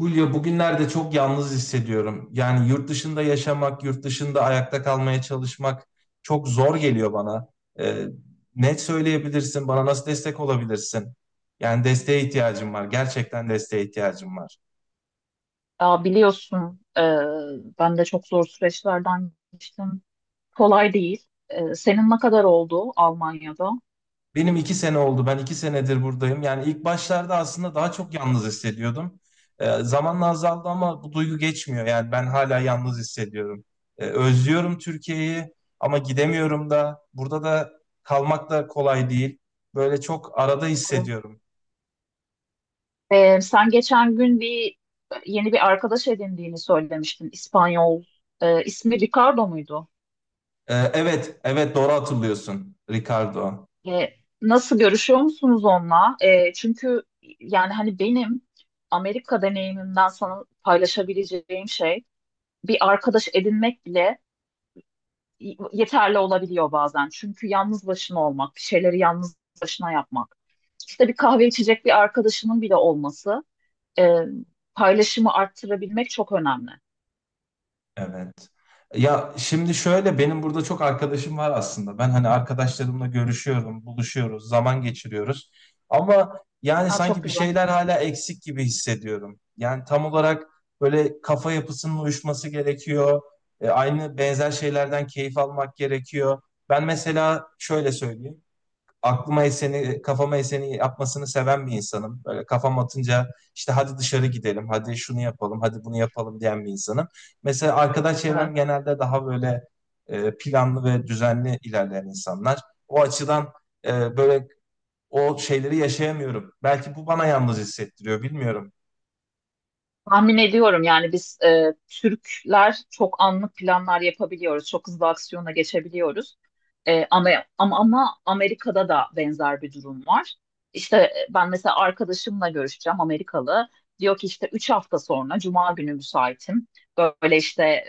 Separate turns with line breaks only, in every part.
Hulya bugünlerde çok yalnız hissediyorum. Yani yurt dışında yaşamak, yurt dışında ayakta kalmaya çalışmak çok zor geliyor bana. Ee, ne söyleyebilirsin, bana nasıl destek olabilirsin? Yani desteğe ihtiyacım var, gerçekten desteğe ihtiyacım var.
Ya biliyorsun ben de çok zor süreçlerden geçtim. Kolay değil. Senin ne kadar oldu Almanya'da?
Benim 2 sene oldu. Ben 2 senedir buradayım. Yani ilk başlarda aslında daha çok yalnız hissediyordum. Zamanla azaldı ama bu duygu geçmiyor. Yani ben hala yalnız hissediyorum. Özlüyorum Türkiye'yi ama gidemiyorum da. Burada da kalmak da kolay değil. Böyle çok arada hissediyorum.
Sen geçen gün yeni bir arkadaş edindiğini söylemiştin. İspanyol. İsmi Ricardo muydu?
Evet, evet, doğru hatırlıyorsun, Ricardo.
E, nasıl, görüşüyor musunuz onunla? Çünkü yani hani benim Amerika deneyimimden sana paylaşabileceğim şey bir arkadaş edinmek bile yeterli olabiliyor bazen. Çünkü yalnız başına olmak, bir şeyleri yalnız başına yapmak, işte bir kahve içecek bir arkadaşının bile olması, e, paylaşımı arttırabilmek çok önemli.
Evet. Ya şimdi şöyle, benim burada çok arkadaşım var aslında. Ben hani arkadaşlarımla görüşüyorum, buluşuyoruz, zaman geçiriyoruz. Ama yani
Aa, çok
sanki bir
güzel.
şeyler hala eksik gibi hissediyorum. Yani tam olarak böyle kafa yapısının uyuşması gerekiyor. Aynı benzer şeylerden keyif almak gerekiyor. Ben mesela şöyle söyleyeyim, aklıma eseni, kafama eseni yapmasını seven bir insanım. Böyle kafam atınca işte hadi dışarı gidelim, hadi şunu yapalım, hadi bunu yapalım diyen bir insanım. Mesela arkadaş
Evet.
çevrem genelde daha böyle planlı ve düzenli ilerleyen insanlar. O açıdan böyle o şeyleri yaşayamıyorum. Belki bu bana yalnız hissettiriyor, bilmiyorum.
Tahmin ediyorum, yani biz Türkler çok anlık planlar yapabiliyoruz. Çok hızlı aksiyona geçebiliyoruz. E, ama, ama Amerika'da da benzer bir durum var. İşte ben mesela arkadaşımla görüşeceğim, Amerikalı. Diyor ki işte 3 hafta sonra Cuma günü müsaitim. Böyle işte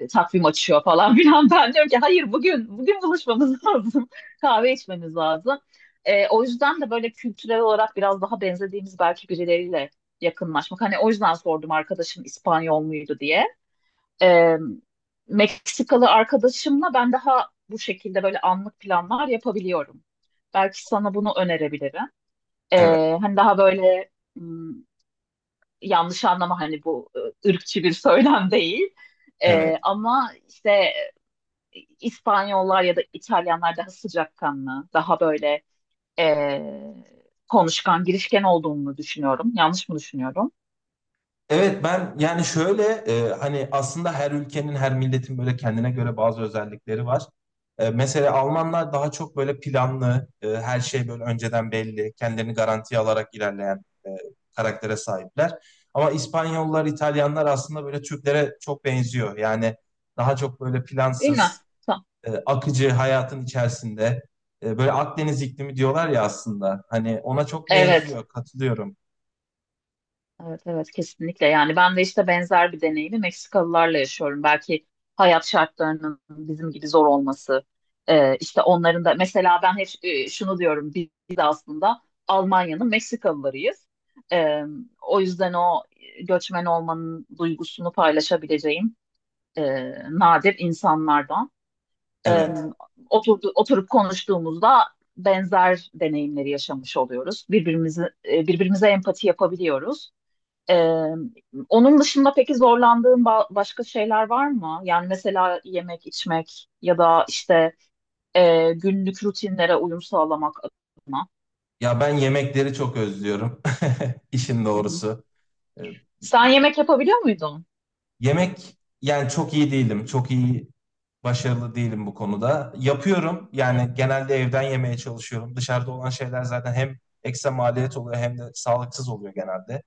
takvim açıyor falan filan. Ben diyorum ki hayır, bugün buluşmamız lazım. Kahve içmemiz lazım. O yüzden de böyle kültürel olarak biraz daha benzediğimiz belki birileriyle yakınlaşmak. Hani o yüzden sordum, arkadaşım İspanyol muydu diye. Ee, Meksikalı arkadaşımla ben daha bu şekilde böyle anlık planlar yapabiliyorum. Belki sana bunu önerebilirim.
Evet,
Hani daha böyle, m, yanlış anlama, hani bu ırkçı bir söylem değil.
evet.
Ama işte İspanyollar ya da İtalyanlar daha sıcakkanlı, daha böyle e, konuşkan, girişken olduğunu düşünüyorum. Yanlış mı düşünüyorum?
Evet, ben yani şöyle hani aslında her ülkenin, her milletin böyle kendine göre bazı özellikleri var. Mesela Almanlar daha çok böyle planlı, her şey böyle önceden belli, kendilerini garantiye alarak ilerleyen karaktere sahipler. Ama İspanyollar, İtalyanlar aslında böyle Türklere çok benziyor. Yani daha çok böyle
Değil
plansız,
mi? Ta-
akıcı hayatın içerisinde böyle Akdeniz iklimi diyorlar ya aslında. Hani ona çok, evet,
Evet.
benziyor. Katılıyorum.
Evet, evet, kesinlikle. Yani ben de işte benzer bir deneyimi Meksikalılarla yaşıyorum. Belki hayat şartlarının bizim gibi zor olması, işte onların da, mesela ben hep şunu diyorum, biz aslında Almanya'nın Meksikalılarıyız. E, o yüzden o göçmen olmanın duygusunu paylaşabileceğim e, nadir insanlardan. E,
Evet.
oturup konuştuğumuzda benzer deneyimleri yaşamış oluyoruz. Birbirimize empati yapabiliyoruz. Ee, onun dışında peki zorlandığın başka şeyler var mı? Yani mesela yemek, içmek ya da işte günlük rutinlere uyum sağlamak adına.
Ya ben yemekleri çok özlüyorum. İşin
Hı hı.
doğrusu. Ee,
Sen yemek yapabiliyor muydun?
Yemek, yani çok iyi değilim. Çok iyi, başarılı değilim bu konuda. Yapıyorum, yani
Evet.
genelde evden yemeye çalışıyorum. Dışarıda olan şeyler zaten hem ekstra maliyet oluyor hem de sağlıksız oluyor genelde.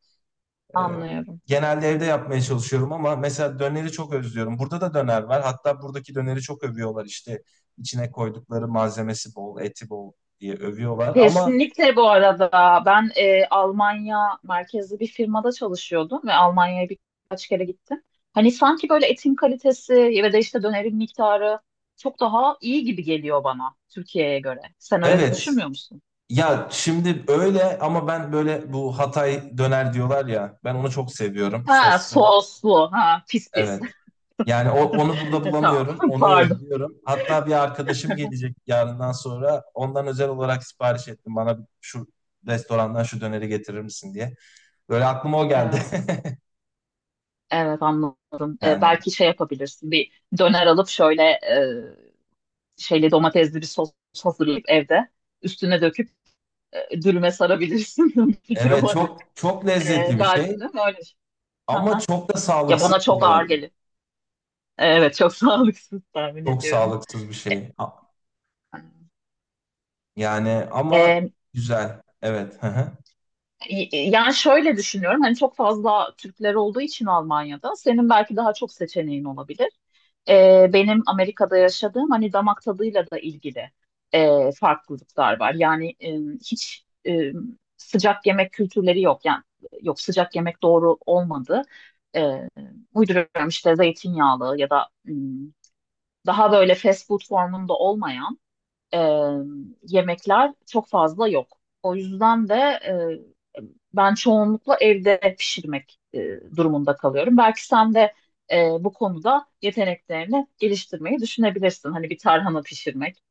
Ee,
Anlıyorum.
genelde evde yapmaya çalışıyorum ama mesela döneri çok özlüyorum. Burada da döner var. Hatta buradaki döneri çok övüyorlar, işte içine koydukları malzemesi bol, eti bol diye övüyorlar. Ama
Kesinlikle. Bu arada ben Almanya merkezli bir firmada çalışıyordum ve Almanya'ya birkaç kere gittim. Hani sanki böyle etin kalitesi ve de işte dönerin miktarı çok daha iyi gibi geliyor bana, Türkiye'ye göre. Sen öyle
evet.
düşünmüyor musun?
Ya şimdi öyle, ama ben böyle bu Hatay döner diyorlar ya, ben onu çok seviyorum,
Ha,
soslu.
soslu. Ha, pis pis.
Evet. Yani onu burada
Tamam.
bulamıyorum. Onu
Pardon.
özlüyorum. Hatta bir arkadaşım gelecek yarından sonra. Ondan özel olarak sipariş ettim. Bana şu restorandan şu döneri getirir misin diye. Böyle aklıma o geldi.
Evet, evet, anladım.
Yani,
Belki şey yapabilirsin. Bir döner alıp şöyle şeyli, domatesli bir sos hazırlayıp evde üstüne döküp dürüme sarabilirsin, bir fikir
evet,
olarak.
çok çok lezzetli bir
Gal
şey
değil mi öyle?
ama
Aha,
çok da
aha. Ya
sağlıksız
bana çok
bu
ağır
arada.
gelir. Evet, çok sağlıksız tahmin
Çok
ediyorum.
sağlıksız bir şey. Yani ama
Ee,
güzel. Evet.
Yani şöyle düşünüyorum, hani çok fazla Türkler olduğu için Almanya'da senin belki daha çok seçeneğin olabilir. Benim Amerika'da yaşadığım, hani damak tadıyla da ilgili farklılıklar var. Yani hiç sıcak yemek kültürleri yok. Yani yok, sıcak yemek doğru olmadı. Ee, uyduruyorum işte, zeytinyağlı ya da daha böyle fast food formunda olmayan e, yemekler çok fazla yok. O yüzden de ben çoğunlukla evde pişirmek durumunda kalıyorum. Belki sen de bu konuda yeteneklerini geliştirmeyi düşünebilirsin. Hani bir tarhana pişirmek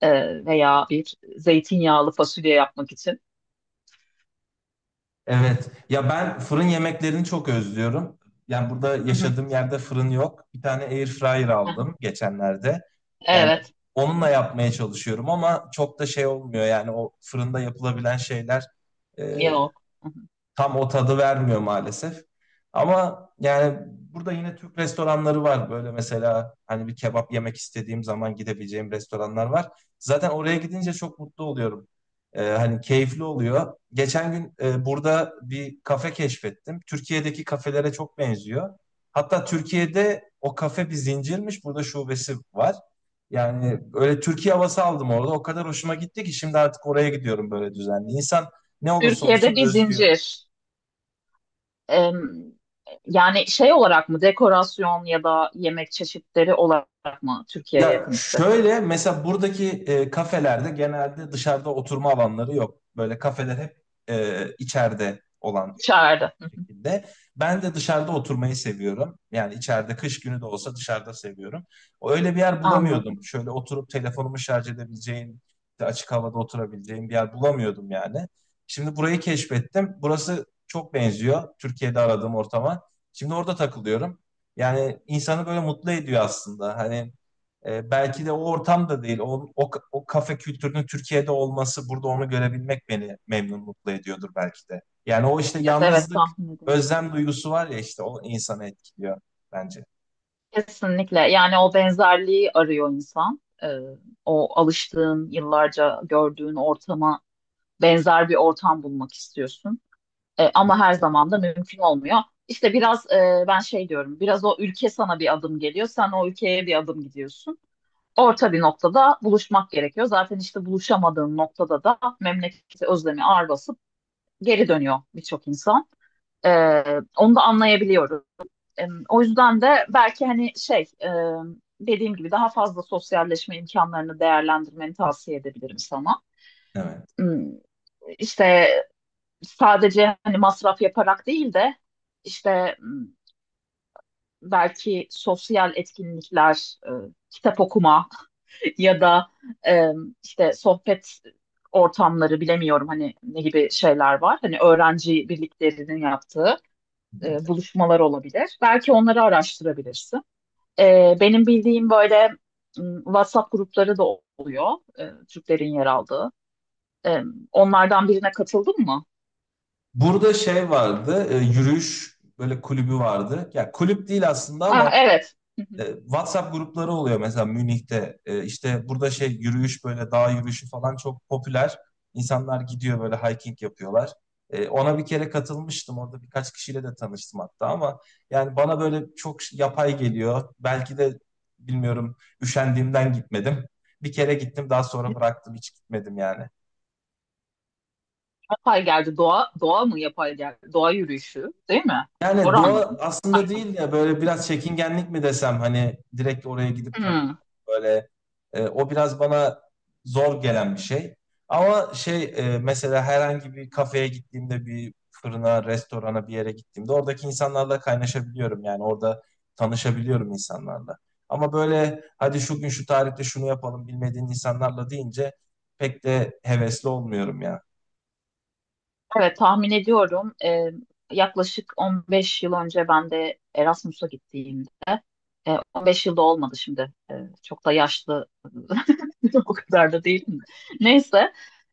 veya bir zeytinyağlı fasulye yapmak için.
Evet. Ya ben fırın yemeklerini çok özlüyorum. Yani burada
Hı hı.
yaşadığım yerde fırın yok. Bir tane air fryer
Hı hı.
aldım geçenlerde. Yani
Evet,
onunla yapmaya çalışıyorum ama çok da şey olmuyor. Yani o fırında yapılabilen şeyler
yok. Hı hı.
tam o tadı vermiyor maalesef. Ama yani burada yine Türk restoranları var. Böyle mesela hani bir kebap yemek istediğim zaman gidebileceğim restoranlar var. Zaten oraya gidince çok mutlu oluyorum. Hani keyifli oluyor. Geçen gün burada bir kafe keşfettim. Türkiye'deki kafelere çok benziyor. Hatta Türkiye'de o kafe bir zincirmiş. Burada şubesi var. Yani öyle Türkiye havası aldım orada. O kadar hoşuma gitti ki şimdi artık oraya gidiyorum böyle düzenli. İnsan ne olursa olsun
Türkiye'de bir
özlüyor.
zincir. Em, yani şey olarak mı, dekorasyon ya da yemek çeşitleri olarak mı Türkiye'ye
Ya
yakın hissettin?
şöyle, mesela buradaki kafelerde genelde dışarıda oturma alanları yok. Böyle kafeler hep içeride olan
İçeride.
şekilde. Ben de dışarıda oturmayı seviyorum. Yani içeride kış günü de olsa dışarıda seviyorum. Öyle bir yer
Anladım.
bulamıyordum. Şöyle oturup telefonumu şarj edebileceğim, işte açık havada oturabileceğim bir yer bulamıyordum yani. Şimdi burayı keşfettim. Burası çok benziyor Türkiye'de aradığım ortama. Şimdi orada takılıyorum. Yani insanı böyle mutlu ediyor aslında. Hani belki de o ortam da değil. O kafe kültürünün Türkiye'de olması, burada onu görebilmek beni memnun, mutlu ediyordur belki de. Yani o işte,
Evet, evet,
yalnızlık,
tahmin ediyorum.
özlem duygusu var ya, işte o insanı etkiliyor bence.
Kesinlikle. Yani o benzerliği arıyor insan. O alıştığın, yıllarca gördüğün ortama benzer bir ortam bulmak istiyorsun. Ama her zaman da mümkün olmuyor. İşte biraz ben şey diyorum, biraz o ülke sana bir adım geliyor, sen o ülkeye bir adım gidiyorsun. Orta bir noktada buluşmak gerekiyor. Zaten işte buluşamadığın noktada da memleketi özlemi ağır basıp geri dönüyor birçok insan. Onu da anlayabiliyorum. O yüzden de belki hani şey, dediğim gibi daha fazla sosyalleşme imkanlarını değerlendirmeni tavsiye edebilirim sana.
Evet.
Hmm, İşte sadece hani masraf yaparak değil de, işte belki sosyal etkinlikler, kitap okuma ya da e, işte sohbet ortamları, bilemiyorum hani ne gibi şeyler var. Hani öğrenci birliklerinin yaptığı
Evet.
buluşmalar olabilir. Belki onları araştırabilirsin. Benim bildiğim böyle WhatsApp grupları da oluyor, Türklerin yer aldığı. E, onlardan birine katıldın mı?
Burada şey vardı, yürüyüş böyle kulübü vardı. Ya kulüp değil aslında
Ah,
ama
evet. Hı hı.
WhatsApp grupları oluyor mesela Münih'te. E, işte burada şey, yürüyüş, böyle dağ yürüyüşü falan çok popüler. İnsanlar gidiyor, böyle hiking yapıyorlar. Ona bir kere katılmıştım. Orada birkaç kişiyle de tanıştım hatta ama yani bana böyle çok yapay geliyor. Belki de bilmiyorum, üşendiğimden gitmedim. Bir kere gittim, daha sonra bıraktım, hiç gitmedim yani.
Yapay geldi. Doğa, doğa mı yapay geldi? Doğa yürüyüşü, değil mi?
Yani
Doğru
doğa
anladım.
aslında
Hakim.
değil ya, böyle
Hı hı.
biraz çekingenlik mi desem, hani direkt oraya gidip tanımak
Hmm.
böyle o biraz bana zor gelen bir şey. Ama şey, mesela herhangi bir kafeye gittiğimde, bir fırına, restorana, bir yere gittiğimde oradaki insanlarla kaynaşabiliyorum, yani orada tanışabiliyorum insanlarla. Ama böyle hadi şu gün şu tarihte şunu yapalım bilmediğin insanlarla deyince pek de hevesli olmuyorum ya.
Evet, tahmin ediyorum. Yaklaşık 15 yıl önce ben de Erasmus'a gittiğimde, 15 yılda olmadı şimdi. Çok da yaşlı, o kadar da değilim. Neyse,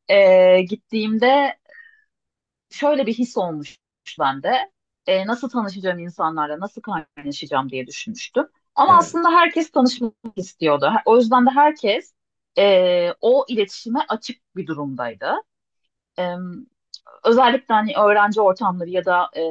gittiğimde şöyle bir his olmuş bende. Nasıl tanışacağım insanlarla, nasıl kaynaşacağım diye düşünmüştüm. Ama
Evet,
aslında herkes tanışmak istiyordu. O yüzden de herkes o iletişime açık bir durumdaydı. E, özellikle hani öğrenci ortamları ya da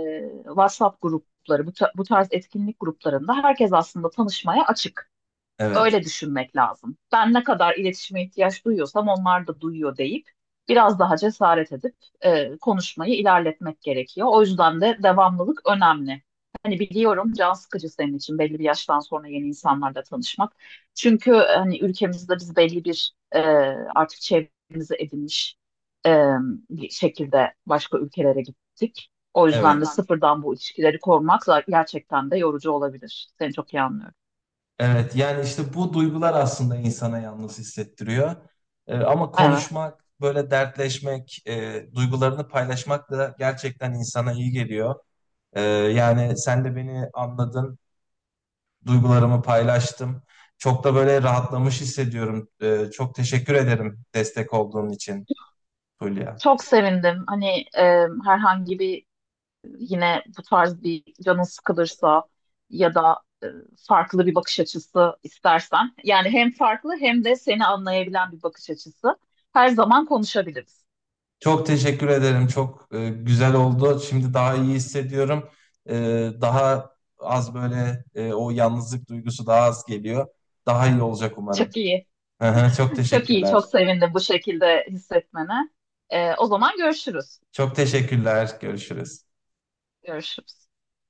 WhatsApp grupları, bu tarz etkinlik gruplarında herkes aslında tanışmaya açık.
evet,
Öyle düşünmek lazım. Ben ne kadar iletişime ihtiyaç duyuyorsam onlar da duyuyor deyip biraz daha cesaret edip konuşmayı ilerletmek gerekiyor. O yüzden de devamlılık önemli. Hani biliyorum, can sıkıcı senin için belli bir yaştan sonra yeni insanlarla tanışmak. Çünkü hani ülkemizde biz belli bir artık çevremizi edinmiş e, bir şekilde başka ülkelere gittik. O yüzden
evet.
de sıfırdan bu ilişkileri kurmak gerçekten de yorucu olabilir. Seni çok iyi anlıyorum.
Evet, yani işte bu duygular aslında insana yalnız hissettiriyor. Ama
Evet.
konuşmak, böyle dertleşmek, duygularını paylaşmak da gerçekten insana iyi geliyor. Yani sen de beni anladın, duygularımı paylaştım. Çok da böyle rahatlamış hissediyorum. Çok teşekkür ederim destek olduğun için, Hülya.
Çok sevindim. Hani e, herhangi bir, yine bu tarz bir canın sıkılırsa ya da farklı bir bakış açısı istersen. Yani hem farklı hem de seni anlayabilen bir bakış açısı. Her zaman konuşabiliriz.
Çok teşekkür ederim. Çok güzel oldu. Şimdi daha iyi hissediyorum. E, daha az, böyle o yalnızlık duygusu daha az geliyor. Daha iyi olacak umarım.
Çok iyi.
Çok
Çok iyi.
teşekkürler.
Çok sevindim bu şekilde hissetmene. O zaman görüşürüz.
Çok teşekkürler. Görüşürüz.
Görüşürüz.